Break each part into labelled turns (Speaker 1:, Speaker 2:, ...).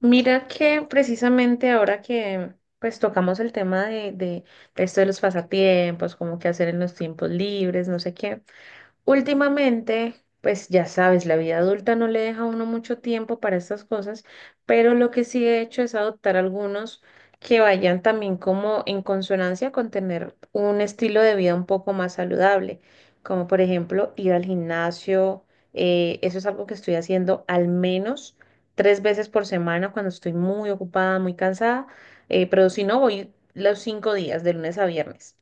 Speaker 1: Mira que precisamente ahora que pues tocamos el tema de esto de los pasatiempos, como qué hacer en los tiempos libres, no sé qué. Últimamente, pues ya sabes, la vida adulta no le deja a uno mucho tiempo para estas cosas, pero lo que sí he hecho es adoptar algunos que vayan también como en consonancia con tener un estilo de vida un poco más saludable, como por ejemplo ir al gimnasio, eso es algo que estoy haciendo al menos tres veces por semana cuando estoy muy ocupada, muy cansada, pero si no, voy los cinco días, de lunes a viernes.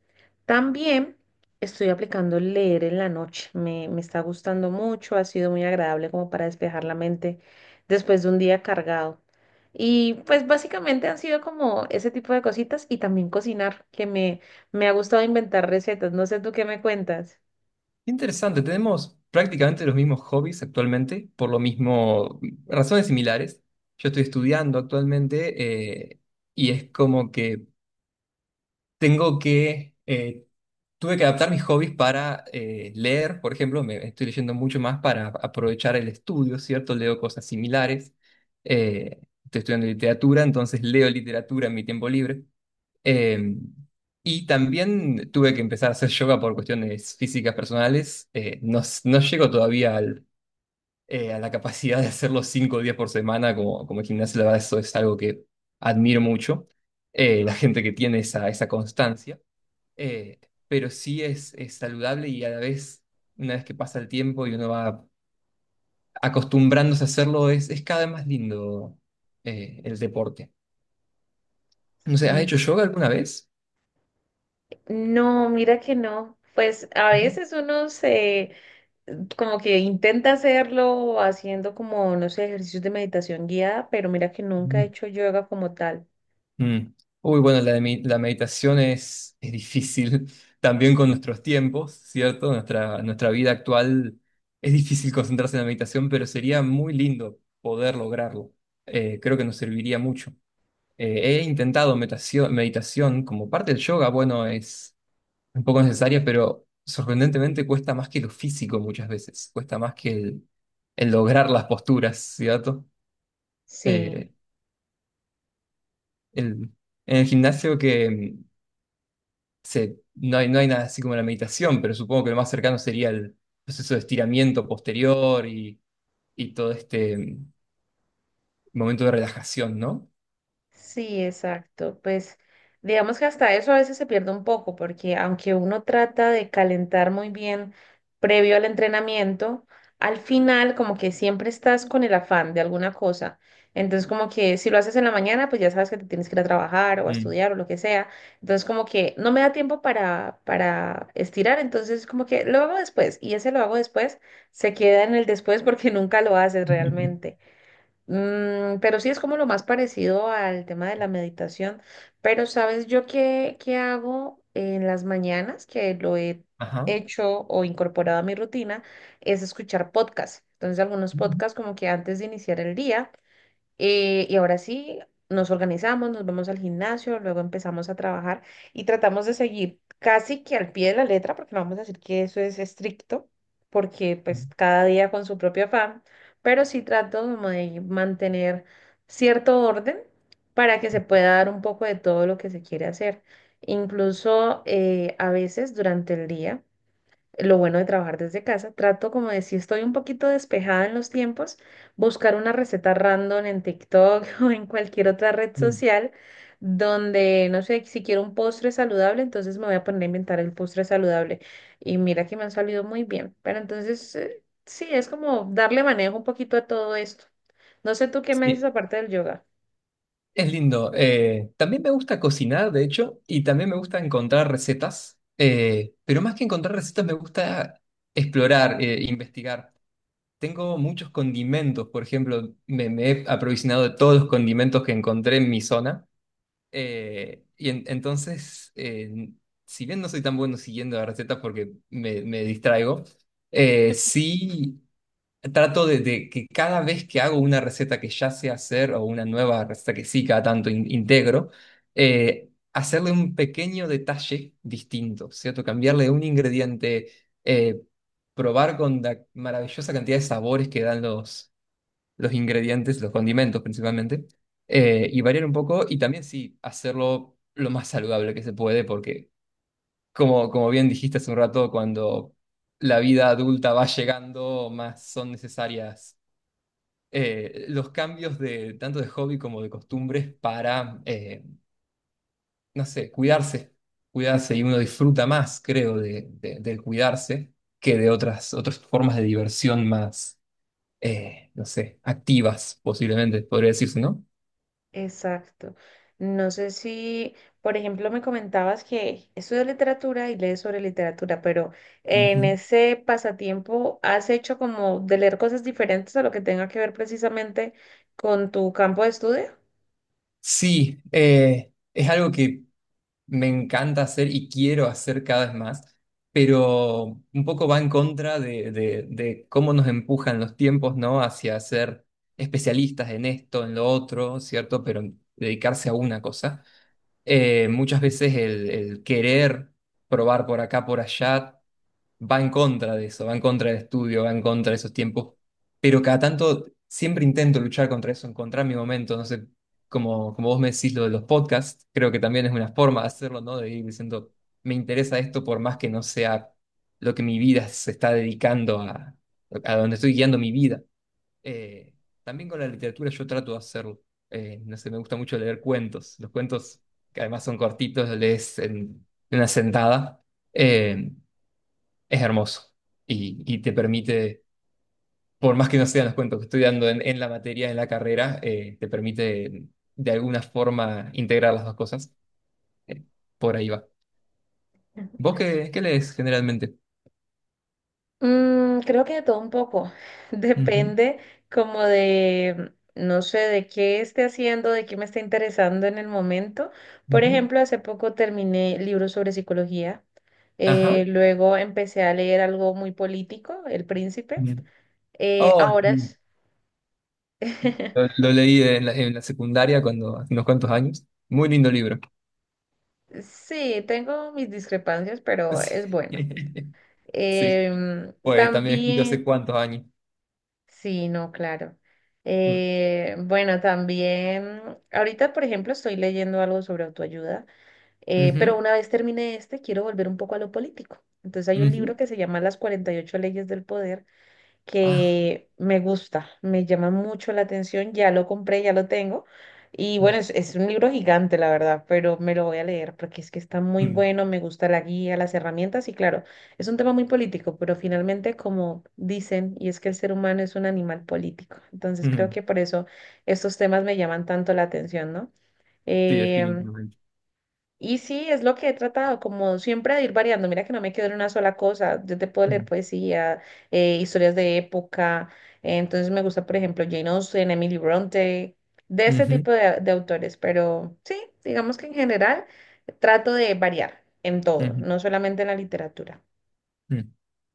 Speaker 1: También... Estoy aplicando leer en la noche. Me está gustando mucho, ha sido muy agradable como para despejar la mente después de un día cargado. Y pues básicamente han sido como ese tipo de cositas y también cocinar, que me ha gustado inventar recetas. No sé tú qué me cuentas.
Speaker 2: Interesante, tenemos prácticamente los mismos hobbies actualmente, por lo mismo, razones similares. Yo estoy estudiando actualmente, y es como que tengo que tuve que adaptar mis hobbies para leer, por ejemplo, me estoy leyendo mucho más para aprovechar el estudio, ¿cierto? Leo cosas similares. Eh, Estoy estudiando literatura, entonces leo literatura en mi tiempo libre. Eh, y también tuve que empezar a hacer yoga por cuestiones físicas personales. No, no llego todavía a la capacidad de hacerlo 5 días por semana como, como el gimnasio. La verdad, eso es algo que admiro mucho. La gente que tiene esa constancia. Eh, pero sí es saludable y a la vez, una vez que pasa el tiempo y uno va acostumbrándose a hacerlo, es cada vez más lindo el deporte. No sé, ¿has
Speaker 1: Sí.
Speaker 2: hecho yoga alguna vez?
Speaker 1: No, mira que no. Pues a veces uno se como que intenta hacerlo haciendo como, no sé, ejercicios de meditación guiada, pero mira que nunca he hecho yoga como tal.
Speaker 2: Mm. Uy, bueno, la meditación es difícil también con nuestros tiempos, ¿cierto? Nuestra vida actual es difícil concentrarse en la meditación, pero sería muy lindo poder lograrlo. Creo que nos serviría mucho. He intentado meditación, meditación como parte del yoga, bueno, es un poco necesaria, pero sorprendentemente cuesta más que lo físico muchas veces, cuesta más que el lograr las posturas, ¿cierto?
Speaker 1: Sí.
Speaker 2: Eh, el, en el gimnasio que... se, no hay nada así como la meditación, pero supongo que lo más cercano sería el proceso de estiramiento posterior y todo este momento de relajación, ¿no?
Speaker 1: Sí, exacto. Pues digamos que hasta eso a veces se pierde un poco, porque aunque uno trata de calentar muy bien previo al entrenamiento, al final como que siempre estás con el afán de alguna cosa. Entonces como que si lo haces en la mañana, pues ya sabes que te tienes que ir a trabajar o a
Speaker 2: Mm.
Speaker 1: estudiar o lo que sea. Entonces como que no me da tiempo para estirar, entonces como que lo hago después y ese lo hago después se queda en el después porque nunca lo haces realmente. Mm, pero sí es como lo más parecido al tema de la meditación. Pero ¿sabes yo qué hago en las mañanas? Que lo he
Speaker 2: Ajá.
Speaker 1: hecho o incorporado a mi rutina, es escuchar podcasts. Entonces algunos podcasts como que antes de iniciar el día. Y ahora sí, nos organizamos, nos vamos al gimnasio, luego empezamos a trabajar y tratamos de seguir casi que al pie de la letra, porque no vamos a decir que eso es estricto, porque pues cada día con su propio afán, pero sí trato como de mantener cierto orden para que se pueda dar un poco de todo lo que se quiere hacer. Incluso a veces durante el día lo bueno de trabajar desde casa, trato como de si estoy un poquito despejada en los tiempos, buscar una receta random en TikTok o en cualquier otra red
Speaker 2: Mm.
Speaker 1: social donde, no sé, si quiero un postre saludable, entonces me voy a poner a inventar el postre saludable. Y mira que me han salido muy bien. Pero entonces, sí, es como darle manejo un poquito a todo esto. No sé tú qué me dices
Speaker 2: Sí,
Speaker 1: aparte del yoga.
Speaker 2: es lindo. También me gusta cocinar, de hecho, y también me gusta encontrar recetas, pero más que encontrar recetas me gusta explorar, investigar. Tengo muchos condimentos, por ejemplo, me he aprovisionado de todos los condimentos que encontré en mi zona. Entonces, si bien no soy tan bueno siguiendo las recetas porque me distraigo, sí trato de que cada vez que hago una receta que ya sé hacer o una nueva receta que sí cada tanto integro, hacerle un pequeño detalle distinto, ¿cierto? Cambiarle un ingrediente, eh, probar con la maravillosa cantidad de sabores que dan los ingredientes, los condimentos principalmente, y variar un poco y también sí hacerlo lo más saludable que se puede, porque como, como bien dijiste hace un rato, cuando la vida adulta va llegando, más son necesarias los cambios de tanto de hobby como de costumbres para, no sé, cuidarse, cuidarse y uno disfruta más, creo, del cuidarse que de otras, otras formas de diversión más, no sé, activas posiblemente, podría decirse, ¿no?
Speaker 1: Exacto. No sé si, por ejemplo, me comentabas que estudias literatura y lees sobre literatura, pero en
Speaker 2: Ujú.
Speaker 1: ese pasatiempo has hecho como de leer cosas diferentes a lo que tenga que ver precisamente con tu campo de estudio.
Speaker 2: Sí, es algo que me encanta hacer y quiero hacer cada vez más, pero un poco va en contra de cómo nos empujan los tiempos, ¿no? Hacia ser especialistas en esto, en lo otro, ¿cierto? Pero dedicarse a una cosa. Muchas veces el querer probar por acá, por allá, va en contra de eso, va en contra del estudio, va en contra de esos tiempos, pero cada tanto siempre intento luchar contra eso, encontrar mi momento, no sé, como, como vos me decís lo de los podcasts, creo que también es una forma de hacerlo, ¿no? De ir diciendo, me interesa esto por más que no sea lo que mi vida se está dedicando a donde estoy guiando mi vida. Eh, También con la literatura yo trato de hacerlo. No sé, me gusta mucho leer cuentos. Los cuentos, que además son cortitos, los lees en una sentada. Eh, es hermoso y te permite, por más que no sean los cuentos que estoy dando en la materia, en la carrera, te permite de alguna forma integrar las dos cosas. Eh, por ahí va. ¿Vos qué, qué lees generalmente?
Speaker 1: Mm, creo que de todo un poco.
Speaker 2: Ujú,
Speaker 1: Depende como de, no sé, de qué esté haciendo, de qué me está interesando en el momento. Por
Speaker 2: ujú.
Speaker 1: ejemplo, hace poco terminé libros sobre psicología.
Speaker 2: Ajá.
Speaker 1: Luego empecé a leer algo muy político, El Príncipe.
Speaker 2: Bien. Oh,
Speaker 1: Ahora
Speaker 2: sí.
Speaker 1: es-
Speaker 2: Lo leí en en la secundaria cuando, hace unos cuantos años. Muy lindo libro.
Speaker 1: sí, tengo mis discrepancias, pero es bueno.
Speaker 2: Sí. Sí.
Speaker 1: Em,
Speaker 2: Pues también escrito
Speaker 1: también...
Speaker 2: hace cuántos años.
Speaker 1: Sí, no, claro.
Speaker 2: Mm.
Speaker 1: Bueno, también, ahorita, por ejemplo, estoy leyendo algo sobre autoayuda, pero
Speaker 2: Ujú,
Speaker 1: una vez termine este, quiero volver un poco a lo político. Entonces hay un
Speaker 2: ujú.
Speaker 1: libro que se llama Las 48 leyes del poder,
Speaker 2: Ah.
Speaker 1: que me gusta, me llama mucho la atención, ya lo compré, ya lo tengo. Y bueno, es un libro gigante, la verdad, pero me lo voy a leer porque es que está muy
Speaker 2: Mm,
Speaker 1: bueno, me gusta la guía, las herramientas y claro, es un tema muy político, pero finalmente como dicen, y es que el ser humano es un animal político, entonces creo
Speaker 2: mm.
Speaker 1: que por eso estos temas me llaman tanto la atención, ¿no?
Speaker 2: Sí,
Speaker 1: Em,
Speaker 2: definitivamente.
Speaker 1: y sí, es lo que he tratado, como siempre, de ir variando. Mira que no me quedo en una sola cosa. Yo te puedo leer
Speaker 2: Mm.
Speaker 1: poesía, historias de época. Eh, entonces me gusta, por ejemplo, Jane Austen, Emily Bronte, de ese
Speaker 2: Ujú,
Speaker 1: tipo de autores. Pero sí, digamos que en general trato de variar en todo,
Speaker 2: ujú,
Speaker 1: no solamente en la literatura.
Speaker 2: mm.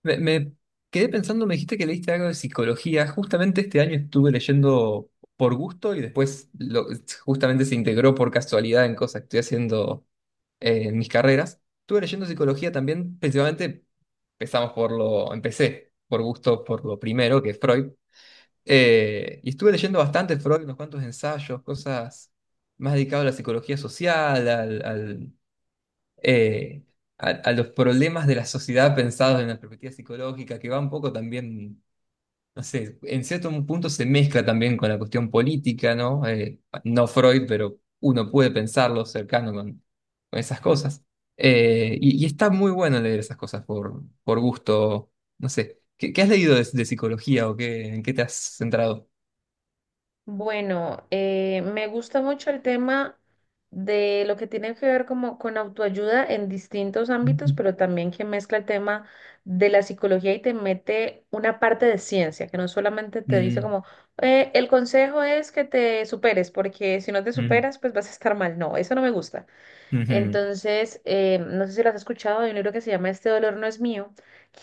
Speaker 2: Me quedé pensando, me dijiste que leíste algo de psicología. Justamente este año estuve leyendo por gusto y después justamente se integró por casualidad en cosas que estoy haciendo, en mis carreras. Estuve leyendo psicología también, principalmente empecé por gusto por lo primero, que es Freud. Y estuve leyendo bastante Freud, unos cuantos ensayos, cosas más dedicadas a la psicología social, eh, a los problemas de la sociedad pensados en la perspectiva psicológica, que va un poco también, no sé, en cierto punto se mezcla también con la cuestión política, ¿no? No Freud, pero uno puede pensarlo cercano con esas cosas. Y está muy bueno leer esas cosas por gusto, no sé. ¿Qué, qué has leído de psicología o qué, en qué te has centrado?
Speaker 1: Bueno, me gusta mucho el tema de lo que tiene que ver como con autoayuda en distintos ámbitos,
Speaker 2: Ujú.
Speaker 1: pero también que mezcla el tema de la psicología y te mete una parte de ciencia, que no solamente te dice
Speaker 2: Mm,
Speaker 1: como, el consejo es que te superes, porque si no te
Speaker 2: mm,
Speaker 1: superas, pues vas a estar mal". No, eso no me gusta.
Speaker 2: ujú.
Speaker 1: Entonces, no sé si lo has escuchado, hay un libro que se llama Este dolor no es mío,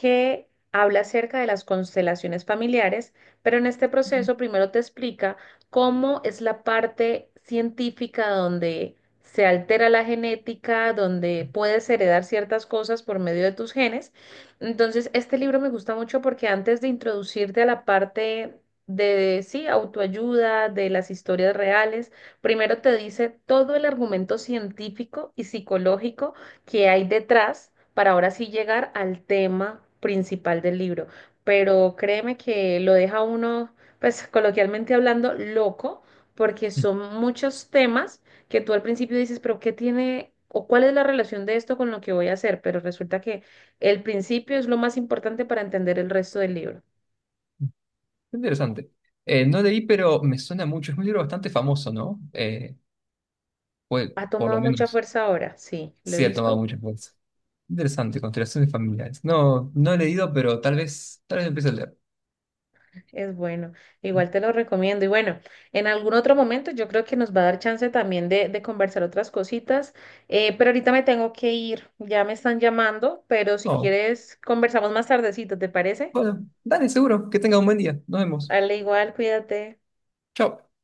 Speaker 1: que habla acerca de las constelaciones familiares, pero en este proceso primero te explica cómo es la parte científica donde se altera la genética, donde puedes heredar ciertas cosas por medio de tus genes. Entonces, este libro me gusta mucho porque antes de introducirte a la parte de, sí, autoayuda, de las historias reales, primero te dice todo el argumento científico y psicológico que hay detrás para ahora sí llegar al tema principal del libro. Pero créeme que lo deja uno, pues coloquialmente hablando, loco, porque son muchos temas que tú al principio dices, pero ¿qué tiene o cuál es la relación de esto con lo que voy a hacer? Pero resulta que el principio es lo más importante para entender el resto del libro.
Speaker 2: Interesante. No leí, pero me suena mucho. Es un libro bastante famoso, ¿no?
Speaker 1: Ha
Speaker 2: Por lo
Speaker 1: tomado mucha
Speaker 2: menos,
Speaker 1: fuerza ahora, sí, lo he
Speaker 2: sí ha tomado
Speaker 1: visto.
Speaker 2: mucha fuerza. Interesante, constelaciones familiares. No, no he leído, pero tal vez empiece a leer.
Speaker 1: Es bueno, igual te lo recomiendo. Y bueno, en algún otro momento yo creo que nos va a dar chance también de conversar otras cositas, pero ahorita me tengo que ir, ya me están llamando, pero si
Speaker 2: Oh,
Speaker 1: quieres conversamos más tardecito, ¿te parece?
Speaker 2: bueno, dale, seguro. Que tenga un buen día. Nos vemos.
Speaker 1: Dale igual, cuídate.
Speaker 2: Chao.